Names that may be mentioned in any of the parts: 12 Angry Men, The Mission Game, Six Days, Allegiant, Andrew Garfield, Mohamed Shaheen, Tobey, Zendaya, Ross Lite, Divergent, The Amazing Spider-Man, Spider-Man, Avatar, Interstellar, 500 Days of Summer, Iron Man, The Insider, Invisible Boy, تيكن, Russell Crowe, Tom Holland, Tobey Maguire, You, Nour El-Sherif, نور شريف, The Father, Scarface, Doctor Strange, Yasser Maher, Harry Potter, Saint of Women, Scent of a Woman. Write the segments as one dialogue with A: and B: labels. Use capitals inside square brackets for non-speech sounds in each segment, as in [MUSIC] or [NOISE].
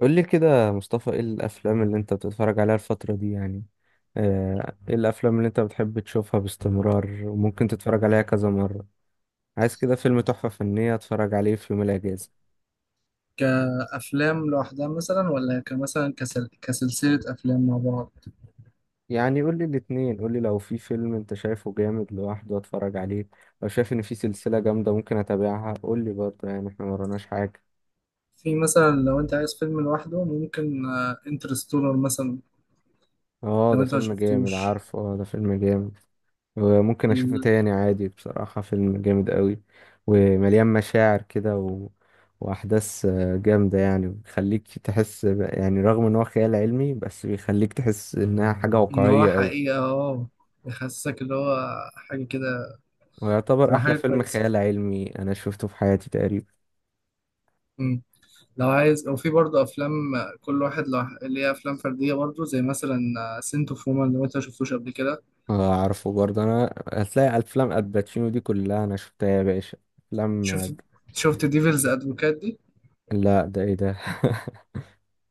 A: قول لي كده يا مصطفى، ايه الافلام اللي انت بتتفرج عليها الفترة دي يعني؟ ايه الافلام اللي انت بتحب تشوفها باستمرار وممكن تتفرج عليها كذا مرة؟ عايز كده فيلم تحفة فنية اتفرج عليه في يوم الاجازة.
B: كأفلام لوحدها مثلا ولا كمثلا كسلسلة أفلام مع بعض.
A: يعني قول لي الاتنين، قول لي لو في فيلم انت شايفه جامد لوحده اتفرج عليه، لو شايف ان في سلسلة جامدة ممكن اتابعها قول لي برضه، يعني احنا مرناش حاجة.
B: في مثلا لو أنت عايز فيلم لوحده ممكن انترستولر مثلا
A: اه
B: لو
A: ده
B: أنت ما
A: فيلم جامد،
B: شفتوش.
A: عارفه، اه ده فيلم جامد. وممكن اشوفه
B: ال-
A: تاني عادي، بصراحة فيلم جامد قوي ومليان مشاعر كده واحداث جامدة، يعني بيخليك تحس يعني رغم ان هو خيال علمي بس بيخليك تحس انها حاجة
B: إن هو
A: واقعية قوي.
B: حقيقة اه بيحسسك اللي هو حاجة كده
A: ويعتبر
B: تبقى
A: احلى
B: حاجة
A: فيلم
B: كويسة.
A: خيال علمي انا شفته في حياتي تقريبا.
B: مم. لو عايز وفي برضه أفلام كل واحد اللي هي أفلام فردية برضه زي مثلا سنت اوف وومن لو أنت ما شفتوش قبل كده.
A: اعرفه برضه، انا هتلاقي افلام الباتشينو دي كلها انا شفتها يا باشا. افلام.
B: شفت شفت ديفلز أدفوكات دي؟
A: لا ده ايه ده؟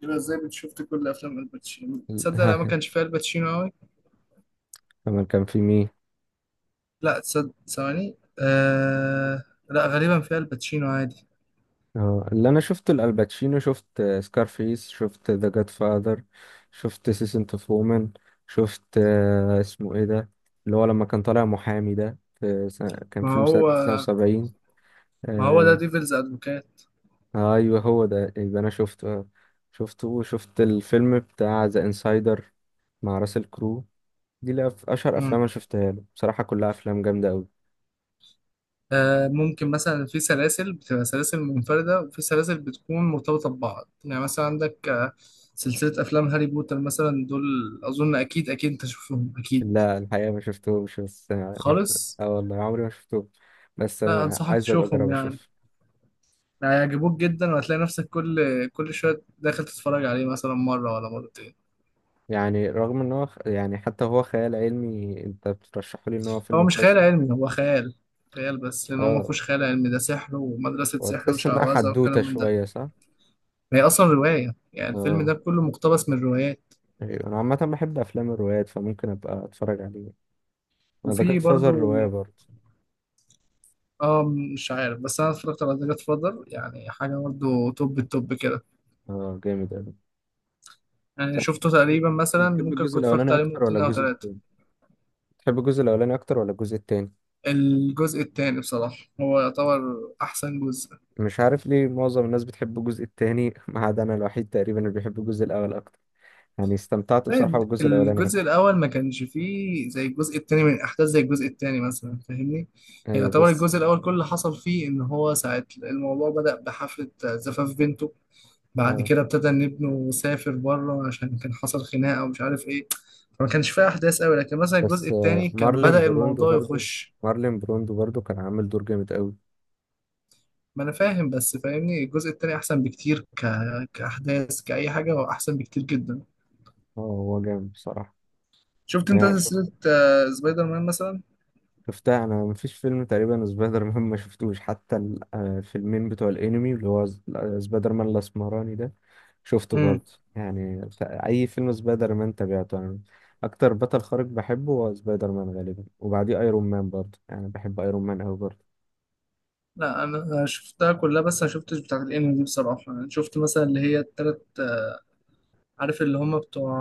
B: يبقى ازاي بتشوفت كل افلام الباتشينو تصدق انا ما
A: [LAUGHS]
B: كانش فيها الباتشينو قوي.
A: كمان كان في مين؟
B: لا تصدق ثواني. آه... لا غالبا فيها الباتشينو عادي.
A: اه اللي انا شفت الالباتشينو، شفت سكارفيس، شفت ذا جاد فاذر، شفت سيسنت اوف وومن، شفت اسمه ايه ده، اللي هو لما كان طالع محامي ده، في سنة كان
B: ما
A: فيلم سنة
B: هو
A: 79.
B: ما هو ده
A: آه،
B: ديفلز ادفوكات.
A: ايوه هو ده، يبقى انا شفته. شفته وشفت الفيلم بتاع ذا انسايدر، مع راسل كرو. دي اشهر افلام
B: مم.
A: انا شفتها له بصراحة، كلها افلام جامدة قوي.
B: آه ممكن مثلا في سلاسل بتبقى سلاسل منفردة وفي سلاسل بتكون مرتبطة ببعض، يعني مثلا عندك سلسلة أفلام هاري بوتر مثلا دول. أظن أكيد أكيد أنت شوفهم أكيد
A: لا الحقيقة ما شفتهمش، بس
B: خالص.
A: اه والله عمري ما شفتهم، بس
B: لا أنصحك
A: عايز ابقى
B: تشوفهم،
A: اجرب
B: يعني
A: اشوف.
B: هيعجبوك جدا وهتلاقي نفسك كل شوية داخل تتفرج عليه مثلا مرة ولا مرتين.
A: يعني رغم يعني حتى هو خيال علمي، انت بترشحه لي ان هو
B: هو
A: فيلم
B: مش
A: كويس
B: خيال
A: أوي.
B: علمي، هو خيال، خيال، بس لأن هو ما
A: اه،
B: فيهوش خيال علمي، ده سحر ومدرسة سحر
A: وتحس انها
B: وشعوذة والكلام
A: حدوتة
B: من ده.
A: شوية، صح؟
B: هي أصلا رواية، يعني الفيلم
A: اه
B: ده كله مقتبس من روايات.
A: أيوة. انا عامة بحب افلام الروايات، فممكن ابقى اتفرج عليه. انا ذا جاد
B: وفي
A: فازر
B: برضو،
A: رواية برضه.
B: اه، مش عارف بس أنا اتفرجت على ذا فاذر، يعني حاجة برضو توب التوب كده.
A: اه جامد اوي.
B: يعني
A: صح.
B: شفته تقريبا مثلا
A: بتحب
B: ممكن
A: الجزء
B: كنت اتفرجت
A: الاولاني
B: عليه
A: اكتر ولا
B: مرتين أو
A: الجزء
B: تلاتة.
A: التاني؟ بتحب الجزء الاولاني اكتر ولا الجزء التاني؟
B: الجزء التاني بصراحة هو يعتبر أحسن جزء.
A: مش عارف ليه معظم الناس بتحب الجزء التاني [LAUGHS] ما عدا انا الوحيد تقريبا اللي بيحب الجزء الاول اكتر. يعني استمتعت
B: زي
A: بصراحة بالجزء الاولاني
B: الجزء
A: اكتر.
B: الأول ما كانش فيه زي الجزء التاني من أحداث زي الجزء التاني مثلا، فاهمني؟ يعني
A: ايوه
B: يعتبر
A: بس
B: الجزء الأول كل اللي حصل فيه إن هو ساعة الموضوع بدأ بحفلة زفاف بنته، بعد
A: آه.
B: كده ابتدى إن ابنه سافر بره عشان كان حصل خناقة ومش عارف إيه. فما كانش فيه أحداث أوي، لكن مثلا الجزء
A: بس
B: التاني كان
A: مارلين
B: بدأ
A: بروندو
B: الموضوع
A: برضو،
B: يخش.
A: مارلين بروندو برضو كان عامل دور جامد قوي.
B: ما أنا فاهم بس فاهمني الجزء التاني أحسن بكتير كأحداث كأي حاجة هو أحسن بكتير جدا.
A: اه هو جامد بصراحة.
B: شفت أنت
A: انا شفت،
B: سلسلة سبايدر مان مثلا؟
A: شفتها، انا مفيش فيلم تقريبا سبايدر مان ما شفتوش، حتى الفيلمين بتوع الانمي اللي هو سبايدر مان الاسمراني ده شفته برضه، يعني اي فيلم سبايدر مان تابعته يعني. اكتر بطل خارق بحبه هو سبايدر مان غالبا، وبعديه ايرون مان برضه، يعني بحب ايرون مان قوي برضه.
B: لا انا شفتها كلها بس ما شفتش بتاعت الانمي دي، بصراحه انا شفت مثلا اللي هي التلات عارف اللي هم بتوع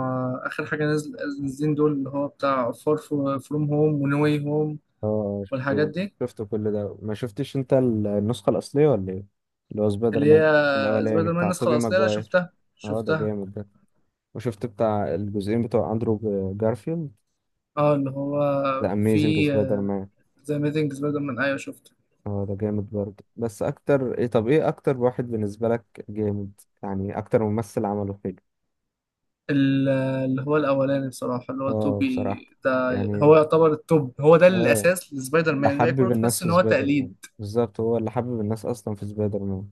B: اخر حاجه نازل نازلين دول اللي هو بتاع فار فروم هوم ونوي هوم
A: اه
B: والحاجات
A: شفته،
B: دي.
A: شفته كل ده، ما شفتش انت النسخة الأصلية ولا ايه؟ اللي هو سبايدر
B: اللي هي
A: مان الأولاني
B: سبايدر مان
A: بتاع
B: النسخه
A: توبي
B: الاصليه، لا
A: ماجواير.
B: شفتها
A: اه ده
B: شفتها
A: جامد ده. وشفت بتاع الجزئين بتوع أندرو جارفيلد،
B: اه اللي هو
A: ذا أميزنج
B: في
A: سبايدر مان.
B: ذا اميزنج سبايدر مان، ايوه شفته.
A: اه ده جامد برضه. بس أكتر ايه، طب ايه أكتر واحد بالنسبة لك جامد يعني، أكتر ممثل عمله حلو؟
B: ال- اللي هو الاولاني بصراحه اللي هو
A: اه بصراحة
B: توبي ده.
A: يعني.
B: هو يعتبر التوب، هو ده
A: اه
B: الاساس لسبايدر
A: اللي
B: مان، الباقي
A: حبب
B: كله تحس
A: الناس
B: ان
A: في
B: هو
A: سبايدر
B: تقليد.
A: مان، بالظبط، هو اللي حبب الناس أصلا في سبايدر مان.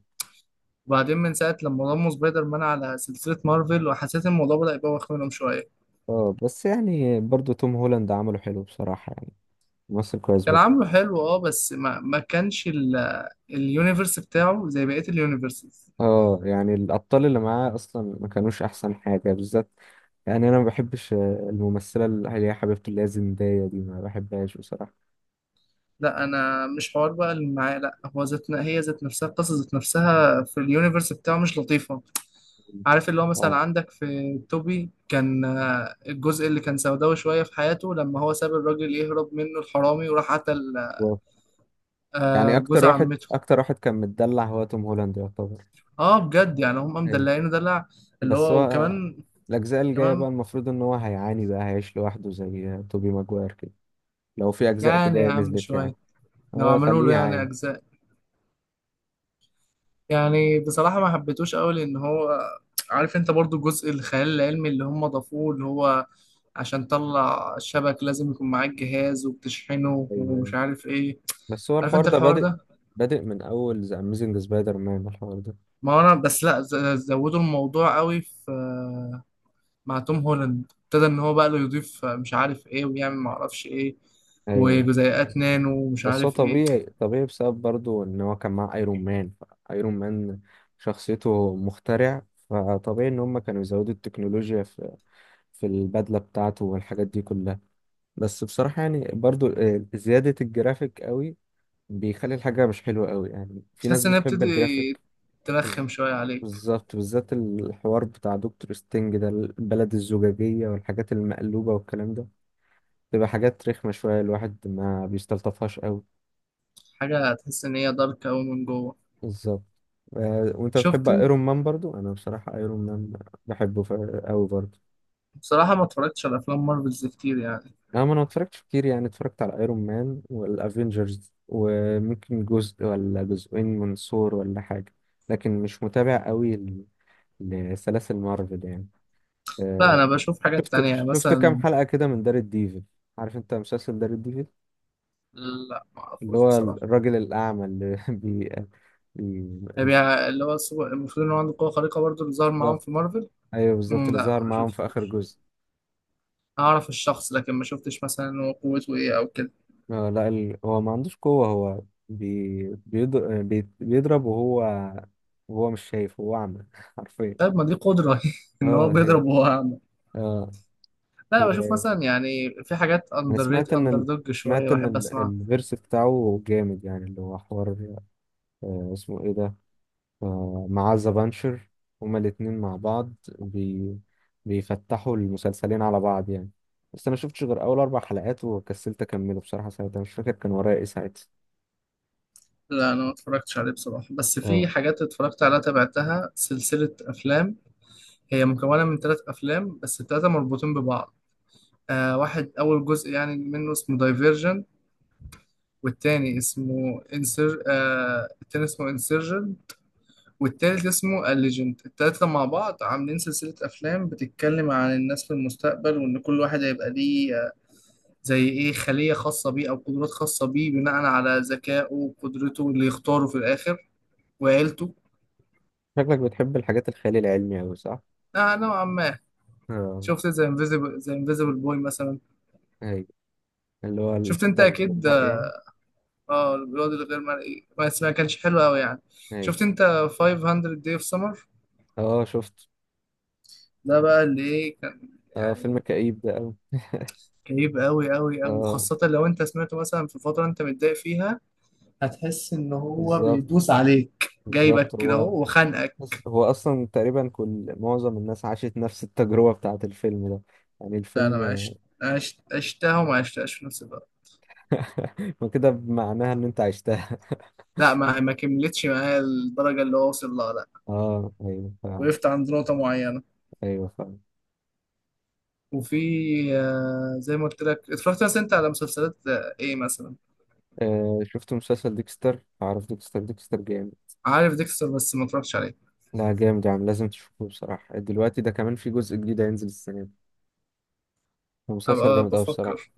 B: وبعدين من ساعة لما ضموا سبايدر مان على سلسلة مارفل وحسيت إن الموضوع بدأ يبوخ منهم شوية.
A: اه بس يعني برضو توم هولاند عمله حلو بصراحة يعني، ممثل كويس
B: كان
A: برضه.
B: عامله حلو اه بس ما كانش اليونيفرس بتاعه زي بقية اليونيفرسز.
A: اه يعني الأبطال اللي معاه أصلا ما كانوش أحسن حاجة بالذات. يعني أنا ما بحبش الممثلة اللي هي حبيبته اللي هي زندايا دي، ما بحبهاش بصراحة.
B: لا أنا مش حوار بقى اللي معاه، لا هو هي ذات نفسها القصة، ذات نفسها في اليونيفرس بتاعه مش لطيفة. عارف اللي هو مثلا
A: اه
B: عندك في توبي كان، الجزء اللي كان سوداوي شوية في حياته لما هو ساب الراجل يهرب منه الحرامي وراح قتل
A: بالظبط. يعني
B: جوز
A: أكتر واحد،
B: عمته.
A: أكتر واحد كان متدلع هو توم هولاند يعتبر.
B: اه بجد، يعني هم
A: أيوة.
B: مدلعينه دلع اللي
A: بس هو
B: هو وكمان
A: الأجزاء الجاية
B: كمان.
A: بقى المفروض إن هو هيعاني بقى، هيعيش لوحده زي توبي ماجواير كده، لو في أجزاء
B: يعني يا
A: جاية
B: عم
A: نزلت يعني.
B: شوية لو
A: اه
B: عملوا
A: خليه
B: له يعني
A: يعاني.
B: أجزاء. يعني بصراحة ما حبيتوش أوي لأن هو، عارف أنت، برضو جزء الخيال العلمي اللي هم ضافوه اللي هو عشان تطلع الشبك لازم يكون معاك جهاز وبتشحنه
A: أيوة
B: ومش عارف إيه.
A: بس هو
B: عارف
A: الحوار
B: أنت
A: ده
B: الحوار
A: بادئ،
B: ده،
A: بادئ من اول ذا اميزنج سبايدر مان الحوار ده.
B: ما هو أنا بس لأ زودوا الموضوع أوي في، مع توم هولاند ابتدى إن هو بقى له يضيف مش عارف إيه ويعمل معرفش إيه
A: ايوه
B: وجزيئات نانو ومش
A: بس هو
B: عارف إيه.
A: طبيعي، طبيعي بسبب برضو ان هو كان مع ايرون مان. ايرون مان شخصيته مخترع، فطبيعي ان هم كانوا يزودوا التكنولوجيا في في البدلة بتاعته والحاجات دي كلها. بس بصراحة يعني برضو زيادة الجرافيك قوي بيخلي الحاجة مش حلوة قوي، يعني في ناس
B: تحس إن هي
A: بتحب
B: بتبتدي
A: الجرافيك. بز-
B: ترخم شوية عليك.
A: بالظبط، بالذات الحوار بتاع دكتور ستينج ده، البلد الزجاجية والحاجات المقلوبة والكلام ده، تبقى حاجات رخمة شوية الواحد ما بيستلطفهاش قوي.
B: حاجة تحس إن هي دارك أوي من جوه.
A: بالظبط. وانت بتحب
B: شفت أنت.
A: ايرون مان برضو؟ انا بصراحة ايرون مان بحبه قوي برضو.
B: بصراحة ما اتفرجتش على أفلام مارفلز كتير يعني.
A: انا ما انا اتفرجتش كتير يعني، اتفرجت على ايرون مان والافينجرز وممكن جزء ولا جزئين من ثور ولا حاجة، لكن مش متابع قوي لسلاسل مارفل يعني.
B: لا
A: آه،
B: أنا بشوف حاجات
A: شفت،
B: تانية، يعني
A: شفت كام
B: مثلا.
A: حلقة كده من دار الديفل، عارف انت مسلسل دار الديفل؟
B: لا ما
A: اللي
B: أعرفوش
A: هو
B: بصراحة.
A: الراجل الأعمى اللي [LAUGHS]
B: يعني اللي هو السوبر المفروض إن هو عنده قوة خارقة برضه اللي ظهر
A: بي-
B: معاهم في مارفل.
A: ايوه بالظبط،
B: مم،
A: اللي
B: لا
A: ظهر
B: ما
A: معاهم في اخر
B: شفتوش.
A: جزء.
B: أعرف الشخص لكن ما شفتش مثلا إن هو قوته إيه أو كده.
A: لا هو ما عندوش قوة، هو بيضرب وهو، وهو مش شايف، هو اعمى [LAUGHS] حرفيا.
B: طيب ما دي قدرة [LAUGHS] إن هو
A: اه هي،
B: بيضرب وهو أعمى.
A: اه.
B: لا
A: و...
B: بشوف مثلا يعني في حاجات
A: انا
B: أندر ريت
A: سمعت ان
B: أندر دوج شوية
A: سمعت ان
B: بحب أسمعها.
A: الفيرس بتاعه جامد يعني، اللي هو حوار، اسمه ايه ده، آه مع ذا بانشر، هما الاتنين مع بعض، بي... بيفتحوا المسلسلين على بعض يعني. بس انا شفتش غير اول اربع حلقات وكسلت اكمله بصراحة، ساعتها مش فاكر كان ورايا ايه ساعتها.
B: لا أنا ما اتفرجتش عليه بصراحة، بس في
A: آه.
B: حاجات اتفرجت عليها تابعتها سلسلة أفلام، هي مكونة من ثلاث أفلام بس الثلاثة مربوطين ببعض. آه واحد أول جزء يعني منه اسمه دايفيرجن، والتاني اسمه انسر آه التاني اسمه انسرجن، والتالت اسمه الليجنت. التلاتة مع بعض عاملين سلسلة أفلام بتتكلم عن الناس في المستقبل، وإن كل واحد هيبقى ليه زي إيه خلية خاصة بيه أو قدرات خاصة بيه بناء على ذكائه وقدرته اللي يختاره في الآخر وعيلته.
A: شكلك بتحب الحاجات الخيال العلمي أوي، صح؟
B: آه نوعا ما.
A: اه.
B: شفت زي انفيزيبل، زي انفيزيبل بوي مثلا؟
A: أيوة، اللي هو
B: شفت انت
A: الفتى اللي في
B: اكيد.
A: المرء يعني.
B: اه البيض الغير مرئي بس ما كانش حلو قوي يعني.
A: أيوة.
B: شفت انت 500 Day of Summer؟
A: اه شفت.
B: ده بقى اللي ايه كان
A: اه فيلم
B: يعني.
A: كئيب ده أوي.
B: كئيب قوي قوي قوي،
A: اه
B: خاصة لو انت سمعته مثلا في فترة انت متضايق فيها. هتحس ان هو
A: بالظبط،
B: بيدوس عليك
A: بالظبط.
B: جايبك كده
A: هو،
B: اهو وخانقك.
A: بس هو أصلا تقريبا كل معظم الناس عاشت نفس التجربة بتاعة الفيلم ده، يعني
B: لا انا ما
A: الفيلم.
B: عشت، عشتها وما عشتهاش في نفس الوقت.
A: [LAUGHS] ما كده بمعناها إن أنت عشتها. [LAUGHS]
B: لا ما كملتش معايا الدرجة اللي هو وصل لها، لا.
A: اه أيوة فاهم.
B: وقفت عند نقطة معينة.
A: أيوة فاهم.
B: وفي زي ما قلت لك، اتفرجت مثلا انت على مسلسلات ايه مثلا.
A: آه شفت مسلسل ديكستر؟ عارف ديكستر؟ ديكستر جامد،
B: عارف ديكستر بس ما اتفرجتش عليه.
A: لا جامد يا عم، لازم تشوفه بصراحة، دلوقتي ده كمان في جزء جديد هينزل السنة دي، مسلسل
B: أبقى
A: جامد أوي بصراحة.
B: بفكر.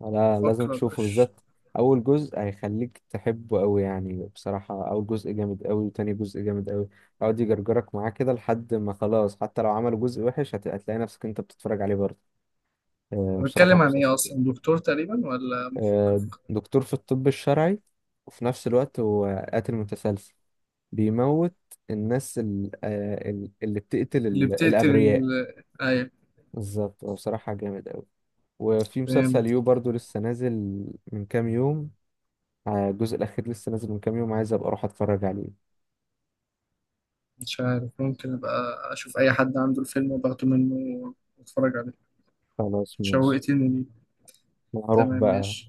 A: لا لازم
B: بفكر
A: تشوفه
B: أبقاش.
A: بالذات، أول جزء هيخليك تحبه أوي يعني، بصراحة أول جزء جامد أوي وتاني جزء جامد أوي، يقعد يجرجرك معاه كده لحد ما خلاص، حتى لو عملوا جزء وحش هتلاقي نفسك أنت بتتفرج عليه برضه. آه، بصراحة
B: بتكلم عن إيه
A: مسلسل جامد.
B: أصلا، دكتور تقريبا ولا محقق؟
A: دكتور في الطب الشرعي، وفي نفس الوقت هو قاتل متسلسل، بيموت الناس اللي بتقتل
B: اللي بتقتل
A: الأبرياء.
B: ال... أيوة
A: بالظبط، هو بصراحة جامد أوي. وفي مسلسل
B: فهمت.
A: يو برضو لسه نازل من كام يوم، الجزء الأخير لسه نازل من كام يوم، عايز أبقى أروح أتفرج عليه.
B: مش عارف، ممكن أبقى أشوف أي حد عنده الفيلم وباخده منه وأتفرج عليه.
A: خلاص ماشي.
B: شوقتني ليه.
A: أنا هروح
B: تمام
A: بقى.
B: ماشي.